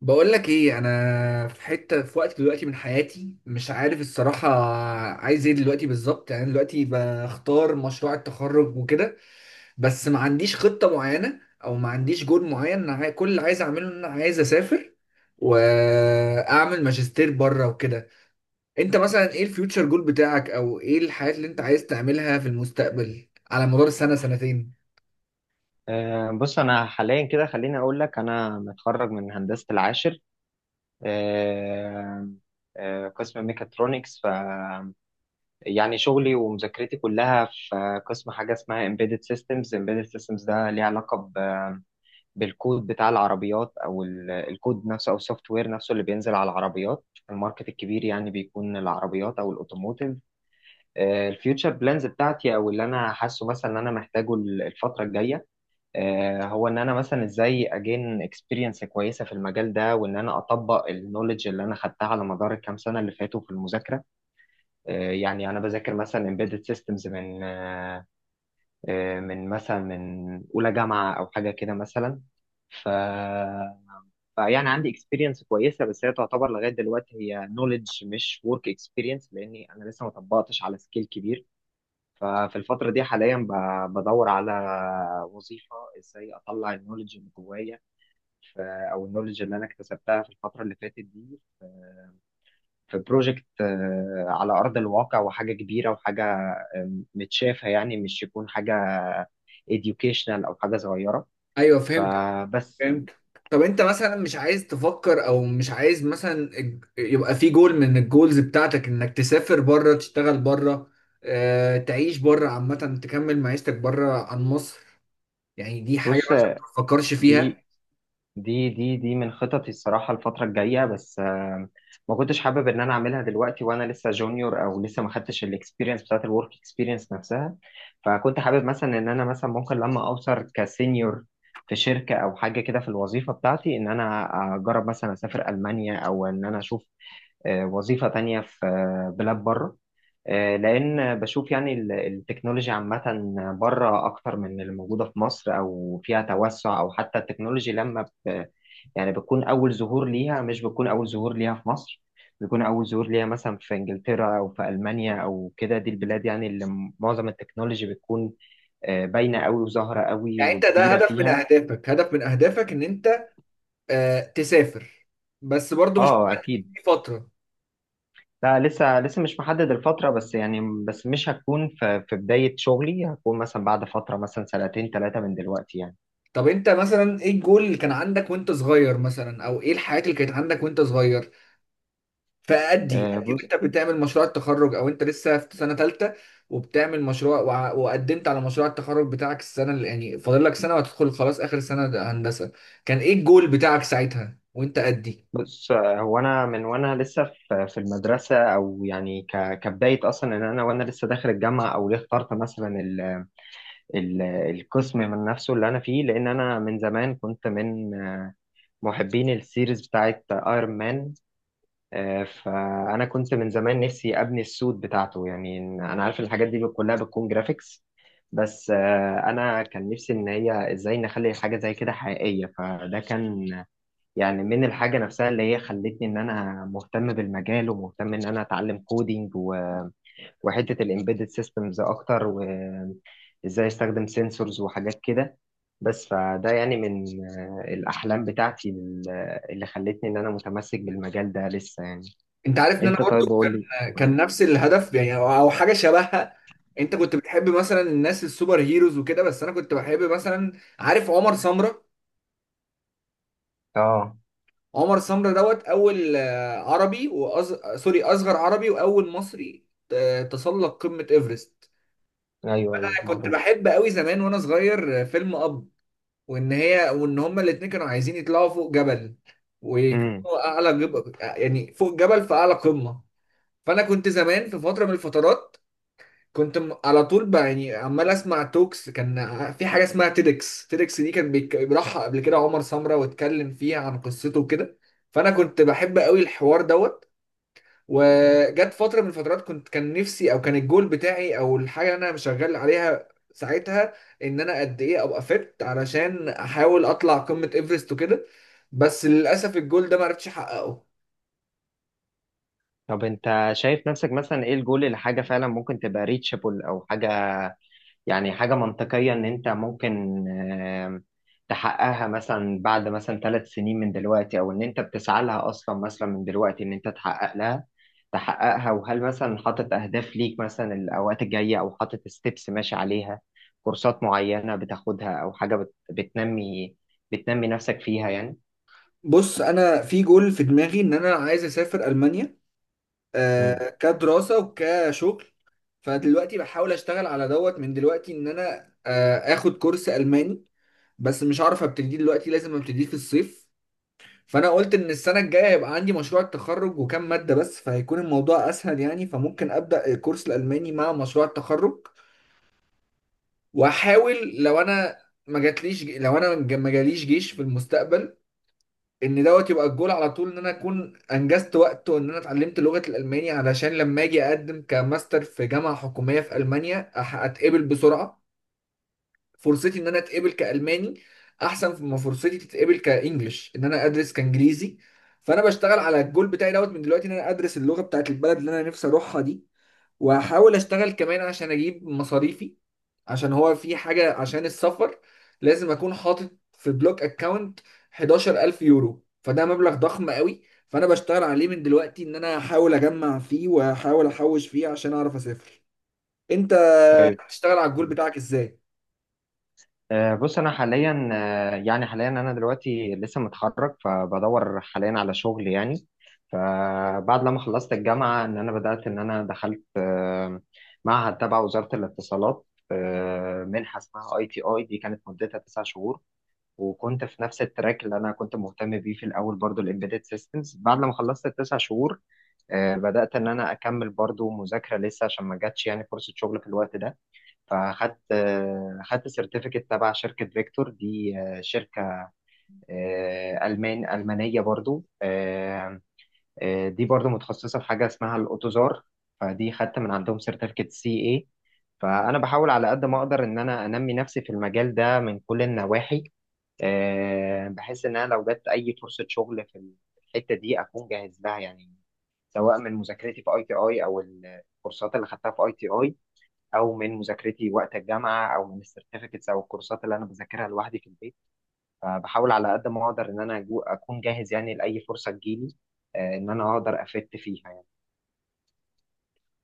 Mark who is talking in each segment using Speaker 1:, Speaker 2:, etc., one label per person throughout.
Speaker 1: بقول لك ايه؟ انا في حته في وقت دلوقتي من حياتي مش عارف الصراحه عايز ايه دلوقتي بالظبط، يعني دلوقتي بختار مشروع التخرج وكده، بس ما عنديش خطه معينه او ما عنديش جول معين. انا كل اللي عايز اعمله ان انا عايز اسافر واعمل ماجستير بره وكده. انت مثلا ايه الفيوتشر جول بتاعك، او ايه الحاجات اللي انت عايز تعملها في المستقبل على مدار السنه سنتين؟
Speaker 2: بص انا حاليا كده خليني اقول لك انا متخرج من هندسه العاشر، آه، قسم ميكاترونكس. يعني شغلي ومذاكرتي كلها في قسم حاجه اسمها embedded systems ده ليه علاقه بالكود بتاع العربيات، او الكود نفسه، او السوفت وير نفسه اللي بينزل على العربيات. الماركت الكبير يعني بيكون العربيات او الاوتوموتيف. الفيوتشر بلانز بتاعتي او اللي انا حاسه مثلا ان انا محتاجه الفتره الجايه، هو ان انا مثلا ازاي اجين اكسبيرينس كويسه في المجال ده، وان انا اطبق النولج اللي انا خدتها على مدار الكام سنه اللي فاتوا في المذاكره. يعني انا بذاكر مثلا embedded systems من من مثلا من اولى جامعه او حاجه كده مثلا، ف فيعني عندي اكسبيرينس كويسه، بس هي تعتبر لغايه دلوقتي هي نولج مش ورك اكسبيرينس، لاني انا لسه ما طبقتش على سكيل كبير. ففي الفتره دي حاليا بدور على وظيفه، ازاي اطلع النولج اللي جوايا، او النولج اللي انا اكتسبتها في الفتره اللي فاتت دي، في بروجكت على ارض الواقع، وحاجه كبيره، وحاجه متشافه، يعني مش يكون حاجه educational او حاجه صغيره.
Speaker 1: ايوه فهمت.
Speaker 2: فبس يعني.
Speaker 1: فهمت. طب انت مثلا مش عايز تفكر او مش عايز مثلا يبقى في جول من الجولز بتاعتك انك تسافر بره، تشتغل بره، اه تعيش بره عامة، تكمل معيشتك بره عن مصر؟ يعني دي حاجة
Speaker 2: بص،
Speaker 1: مثلا ما تفكرش
Speaker 2: دي
Speaker 1: فيها؟
Speaker 2: دي من خططي الصراحة الفترة الجاية، بس ما كنتش حابب ان انا اعملها دلوقتي وانا لسه جونيور، او لسه ما خدتش الاكسبيرينس بتاعت الورك اكسبيرينس نفسها. فكنت حابب مثلا ان انا مثلا ممكن لما اوصل كسينيور في شركة او حاجة كده في الوظيفة بتاعتي، ان انا اجرب مثلا اسافر المانيا، او ان انا اشوف وظيفة تانية في بلاد بره. لان بشوف يعني التكنولوجيا عامه بره اكتر من اللي موجوده في مصر، او فيها توسع، او حتى التكنولوجيا لما يعني بتكون أول ظهور ليها، مش بتكون أول ظهور ليها في مصر. بيكون أول ظهور ليها مثلا في إنجلترا، أو في ألمانيا، أو كده. دي البلاد يعني اللي معظم التكنولوجي بتكون باينة أوي، وظاهرة أوي،
Speaker 1: يعني انت ده
Speaker 2: وكبيرة
Speaker 1: هدف من
Speaker 2: فيها.
Speaker 1: اهدافك، هدف من اهدافك ان انت اه تسافر، بس برضو مش
Speaker 2: أه، أكيد.
Speaker 1: مستني فترة.
Speaker 2: لا، لسه مش محدد الفترة بس يعني. بس مش هتكون في بداية شغلي، هتكون مثلا بعد فترة مثلا سنتين ثلاثة من دلوقتي يعني.
Speaker 1: طب انت مثلا ايه الجول اللي كان عندك وانت صغير مثلا، او ايه الحاجات اللي كانت عندك وانت صغير؟ فأدي
Speaker 2: آه،
Speaker 1: أدي
Speaker 2: بص
Speaker 1: وأنت بتعمل مشروع التخرج، أو أنت لسه في سنة تالتة وبتعمل مشروع وقدمت على مشروع التخرج بتاعك السنة اللي يعني فاضل لك سنة وهتدخل خلاص آخر سنة، ده هندسة. كان إيه الجول بتاعك ساعتها وأنت أدي؟
Speaker 2: بص، هو انا من وانا لسه في المدرسه، او يعني كبدايه اصلا ان انا وانا لسه داخل الجامعه، او ليه اخترت مثلا القسم من نفسه اللي انا فيه، لان انا من زمان كنت من محبين السيريز بتاعت ايرون مان. فانا كنت من زمان نفسي ابني السوت بتاعته، يعني انا عارف إن الحاجات دي كلها بتكون جرافيكس. بس، انا كان نفسي ان هي ازاي نخلي حاجه زي كده حقيقيه، فده كان يعني من الحاجه نفسها اللي هي خلتني ان انا مهتم بالمجال، ومهتم ان انا اتعلم كودينج، وحته الامبيدد سيستمز اكتر، وازاي استخدم سنسورز وحاجات كده. بس فده يعني من الاحلام بتاعتي اللي خلتني ان انا متمسك بالمجال ده لسه يعني.
Speaker 1: أنت عارف إن أنا
Speaker 2: انت،
Speaker 1: برضو
Speaker 2: طيب، قول لي.
Speaker 1: كان نفس الهدف، يعني أو حاجة شبهها. أنت كنت بتحب مثلا الناس السوبر هيروز وكده، بس أنا كنت بحب مثلا، عارف عمر سمرة؟
Speaker 2: اه.
Speaker 1: عمر سمرة دوت أول عربي سوري أصغر عربي وأول مصري تسلق قمة إيفرست.
Speaker 2: ايوه، ايوه،
Speaker 1: كنت
Speaker 2: معروف.
Speaker 1: بحب قوي زمان وانا صغير فيلم اب، وان هي هما الاتنين كانوا عايزين يطلعوا فوق جبل
Speaker 2: امم.
Speaker 1: ويكونوا اعلى جبل، يعني فوق جبل في اعلى قمة. فانا كنت زمان في فترة من الفترات كنت على طول يعني عمال اسمع توكس، كان في حاجة اسمها تيدكس. تيدكس دي كان بيروحها قبل كده عمر سمرة واتكلم فيها عن قصته وكده، فانا كنت بحب قوي الحوار دوت. وجت فتره من الفترات كنت كان نفسي، او كان الجول بتاعي او الحاجه اللي انا شغال عليها ساعتها، ان انا قد ايه ابقى فت علشان احاول اطلع قمه ايفرست وكده، بس للاسف الجول ده ما عرفتش احققه.
Speaker 2: طب انت شايف نفسك مثلا ايه الجول لحاجه فعلا ممكن تبقى ريتشابل او حاجه؟ يعني حاجة منطقية إن أنت ممكن آم، تحققها مثلا بعد مثلا 3 سنين من دلوقتي، أو إن أنت بتسعى لها أصلا مثلا من دلوقتي إن أنت تحقق لها، تحققها. وهل مثلا حاطط أهداف ليك مثلا الأوقات الجاية، أو حاطط ستيبس ماشي عليها، كورسات معينة بتاخدها، أو حاجة بتنمي نفسك فيها يعني.
Speaker 1: بص، انا في جول في دماغي ان انا عايز اسافر المانيا،
Speaker 2: مم.
Speaker 1: آه كدراسه وكشغل. فدلوقتي بحاول اشتغل على دوت من دلوقتي ان انا اخد كورس الماني، بس مش عارف ابتدي دلوقتي لازم ابتدي في الصيف. فانا قلت ان السنه الجايه هيبقى عندي مشروع التخرج وكام ماده بس، فهيكون الموضوع اسهل يعني، فممكن ابدا الكورس الالماني مع مشروع التخرج. واحاول لو انا ما جاتليش، لو انا ما جاليش جيش في المستقبل، ان دوت يبقى الجول على طول ان انا اكون انجزت وقت وان انا اتعلمت لغه الالماني، علشان لما اجي اقدم كماستر في جامعه حكوميه في المانيا اتقبل بسرعه. فرصتي ان انا اتقبل كالماني احسن ما فرصتي تتقبل كانجلش ان انا ادرس كانجليزي. فانا بشتغل على الجول بتاعي دوت من دلوقتي ان انا ادرس اللغه بتاعت البلد اللي انا نفسي اروحها دي، واحاول اشتغل كمان عشان اجيب مصاريفي، عشان هو في حاجه عشان السفر لازم اكون حاطط في بلوك اكاونت 11,000 يورو، فده مبلغ ضخم قوي. فانا بشتغل عليه من دلوقتي ان انا احاول اجمع فيه واحاول احوش فيه عشان اعرف اسافر. انت
Speaker 2: طيب.
Speaker 1: بتشتغل على الجول بتاعك ازاي؟
Speaker 2: بص انا حاليا يعني حاليا انا دلوقتي لسه متخرج، فبدور حاليا على شغل يعني. فبعد لما خلصت الجامعه ان انا بدات ان انا دخلت معهد تبع وزاره الاتصالات. منحه اسمها ITIDA كانت مدتها 9 شهور، وكنت في نفس التراك اللي انا كنت مهتم بيه في الاول برضو الامبيدد سيستمز. بعد لما خلصت الـ9 شهور بدات ان انا اكمل برضو مذاكره لسه، عشان ما جاتش يعني فرصه شغل في الوقت ده. فاخدت آه، خدت سيرتيفيكت تبع شركة فيكتور. دي شركة ألمانية برضو. دي برضو متخصصة في حاجة اسمها الأوتوزار، فدي خدت من عندهم سيرتيفيكت CA. فأنا بحاول على قد ما أقدر إن أنا أنمي نفسي في المجال ده من كل النواحي، بحيث إن أنا لو جت أي فرصة شغل في الحتة دي أكون جاهز لها يعني. سواء من مذاكرتي في ITI، او الكورسات اللي خدتها في ITI، او من مذاكرتي وقت الجامعه، او من السيرتيفيكتس، او الكورسات اللي انا بذاكرها لوحدي في البيت. فبحاول على قد ما اقدر ان انا اكون جاهز يعني لاي فرصه تجيلي، ان انا اقدر افت فيها يعني.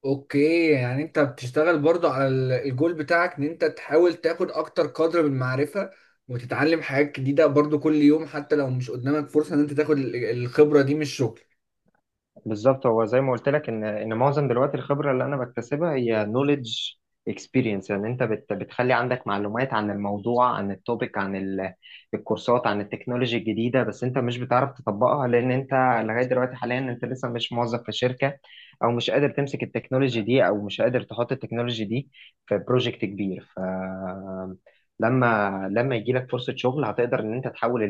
Speaker 1: اوكي، يعني انت بتشتغل برضو على الجول بتاعك ان انت تحاول تاخد اكتر قدر من المعرفة وتتعلم حاجات جديدة برضو كل يوم، حتى لو مش قدامك فرصة ان انت تاخد الخبرة دي من الشغل.
Speaker 2: بالظبط، هو زي ما قلت لك ان معظم دلوقتي الخبره اللي انا بكتسبها هي نوليدج اكسبيرينس، يعني انت بتخلي عندك معلومات عن الموضوع، عن التوبيك، عن الكورسات، عن التكنولوجي الجديده، بس انت مش بتعرف تطبقها، لان انت لغايه دلوقتي حاليا انت لسه مش موظف في شركه، او مش قادر تمسك التكنولوجي دي، او مش قادر تحط التكنولوجي دي في بروجكت كبير. لما يجي لك فرصه شغل، هتقدر ان انت تحول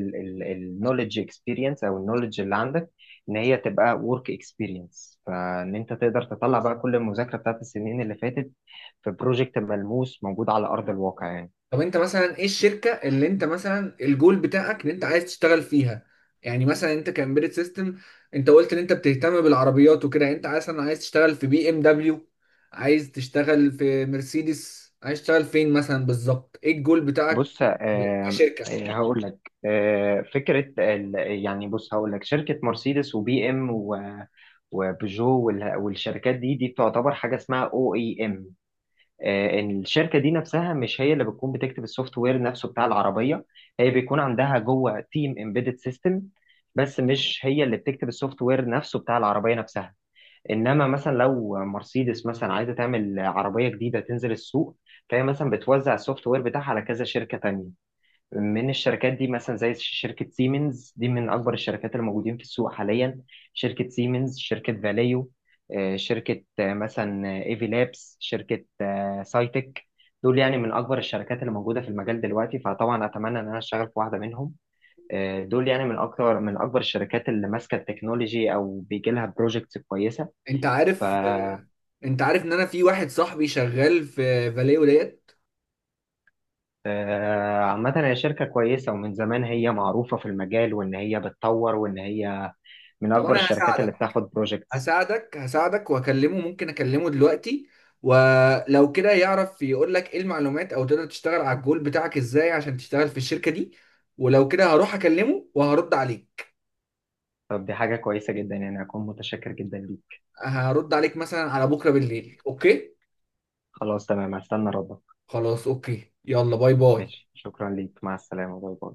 Speaker 2: النوليدج اكسبيرينس او النوليدج اللي عندك ان هي تبقى ورك اكسبيرينس، فان انت تقدر تطلع بقى كل المذاكره بتاعت السنين اللي فاتت في بروجكت ملموس موجود على ارض الواقع يعني.
Speaker 1: طب انت مثلا ايه الشركة اللي انت مثلا الجول بتاعك ان انت عايز تشتغل فيها؟ يعني مثلا انت كامبيرت سيستم، انت قلت ان انت بتهتم بالعربيات وكده، يعني انت مثلا عايز تشتغل في بي ام دبليو، عايز تشتغل في مرسيدس، عايز تشتغل فين مثلا بالظبط؟ ايه الجول بتاعك
Speaker 2: بص.
Speaker 1: كشركة؟
Speaker 2: هقول لك فكره يعني بص، هقول لك شركه مرسيدس وبي ام و وبيجو والشركات دي بتعتبر حاجه اسمها OEM. ان الشركه دي نفسها مش هي اللي بتكون بتكتب السوفت وير نفسه بتاع العربيه، هي بيكون عندها جوه تيم امبيدد سيستم، بس مش هي اللي بتكتب السوفت وير نفسه بتاع العربيه نفسها. انما مثلا لو مرسيدس مثلا عايزه تعمل عربيه جديده تنزل السوق، فهي مثلا بتوزع السوفت وير بتاعها على كذا شركه تانية من الشركات دي، مثلا زي شركة سيمنز. دي من أكبر الشركات اللي موجودين في السوق حاليا. شركة سيمنز، شركة فاليو، شركة مثلا ايفي لابس، شركة سايتك. دول يعني من أكبر الشركات اللي موجودة في المجال دلوقتي، فطبعا أتمنى إن أنا أشتغل في واحدة منهم. دول يعني من أكتر، من أكبر الشركات اللي ماسكة التكنولوجي أو بيجي لها بروجكتس كويسة.
Speaker 1: انت
Speaker 2: ف
Speaker 1: عارف، انت عارف ان انا في واحد صاحبي شغال في فاليو ديت؟
Speaker 2: عامة هي شركة كويسة، ومن زمان هي معروفة في المجال، وإن هي بتطور، وإن هي من
Speaker 1: طب
Speaker 2: أكبر
Speaker 1: انا
Speaker 2: الشركات
Speaker 1: هساعدك،
Speaker 2: اللي بتاخد بروجيكتس.
Speaker 1: هساعدك واكلمه، ممكن اكلمه دلوقتي، ولو كده يعرف يقول لك ايه المعلومات او تقدر تشتغل على الجول بتاعك ازاي عشان تشتغل في الشركة دي. ولو كده هروح اكلمه وهرد عليك.
Speaker 2: طب دي حاجة كويسة جدا، يعني أكون متشكر جدا ليك.
Speaker 1: هرد عليك مثلا على بكرة بالليل، اوكي؟
Speaker 2: خلاص، تمام، هستنى ردك.
Speaker 1: خلاص اوكي، يلا باي باي.
Speaker 2: ماشي، شكرا ليك، مع السلامة، باي باي.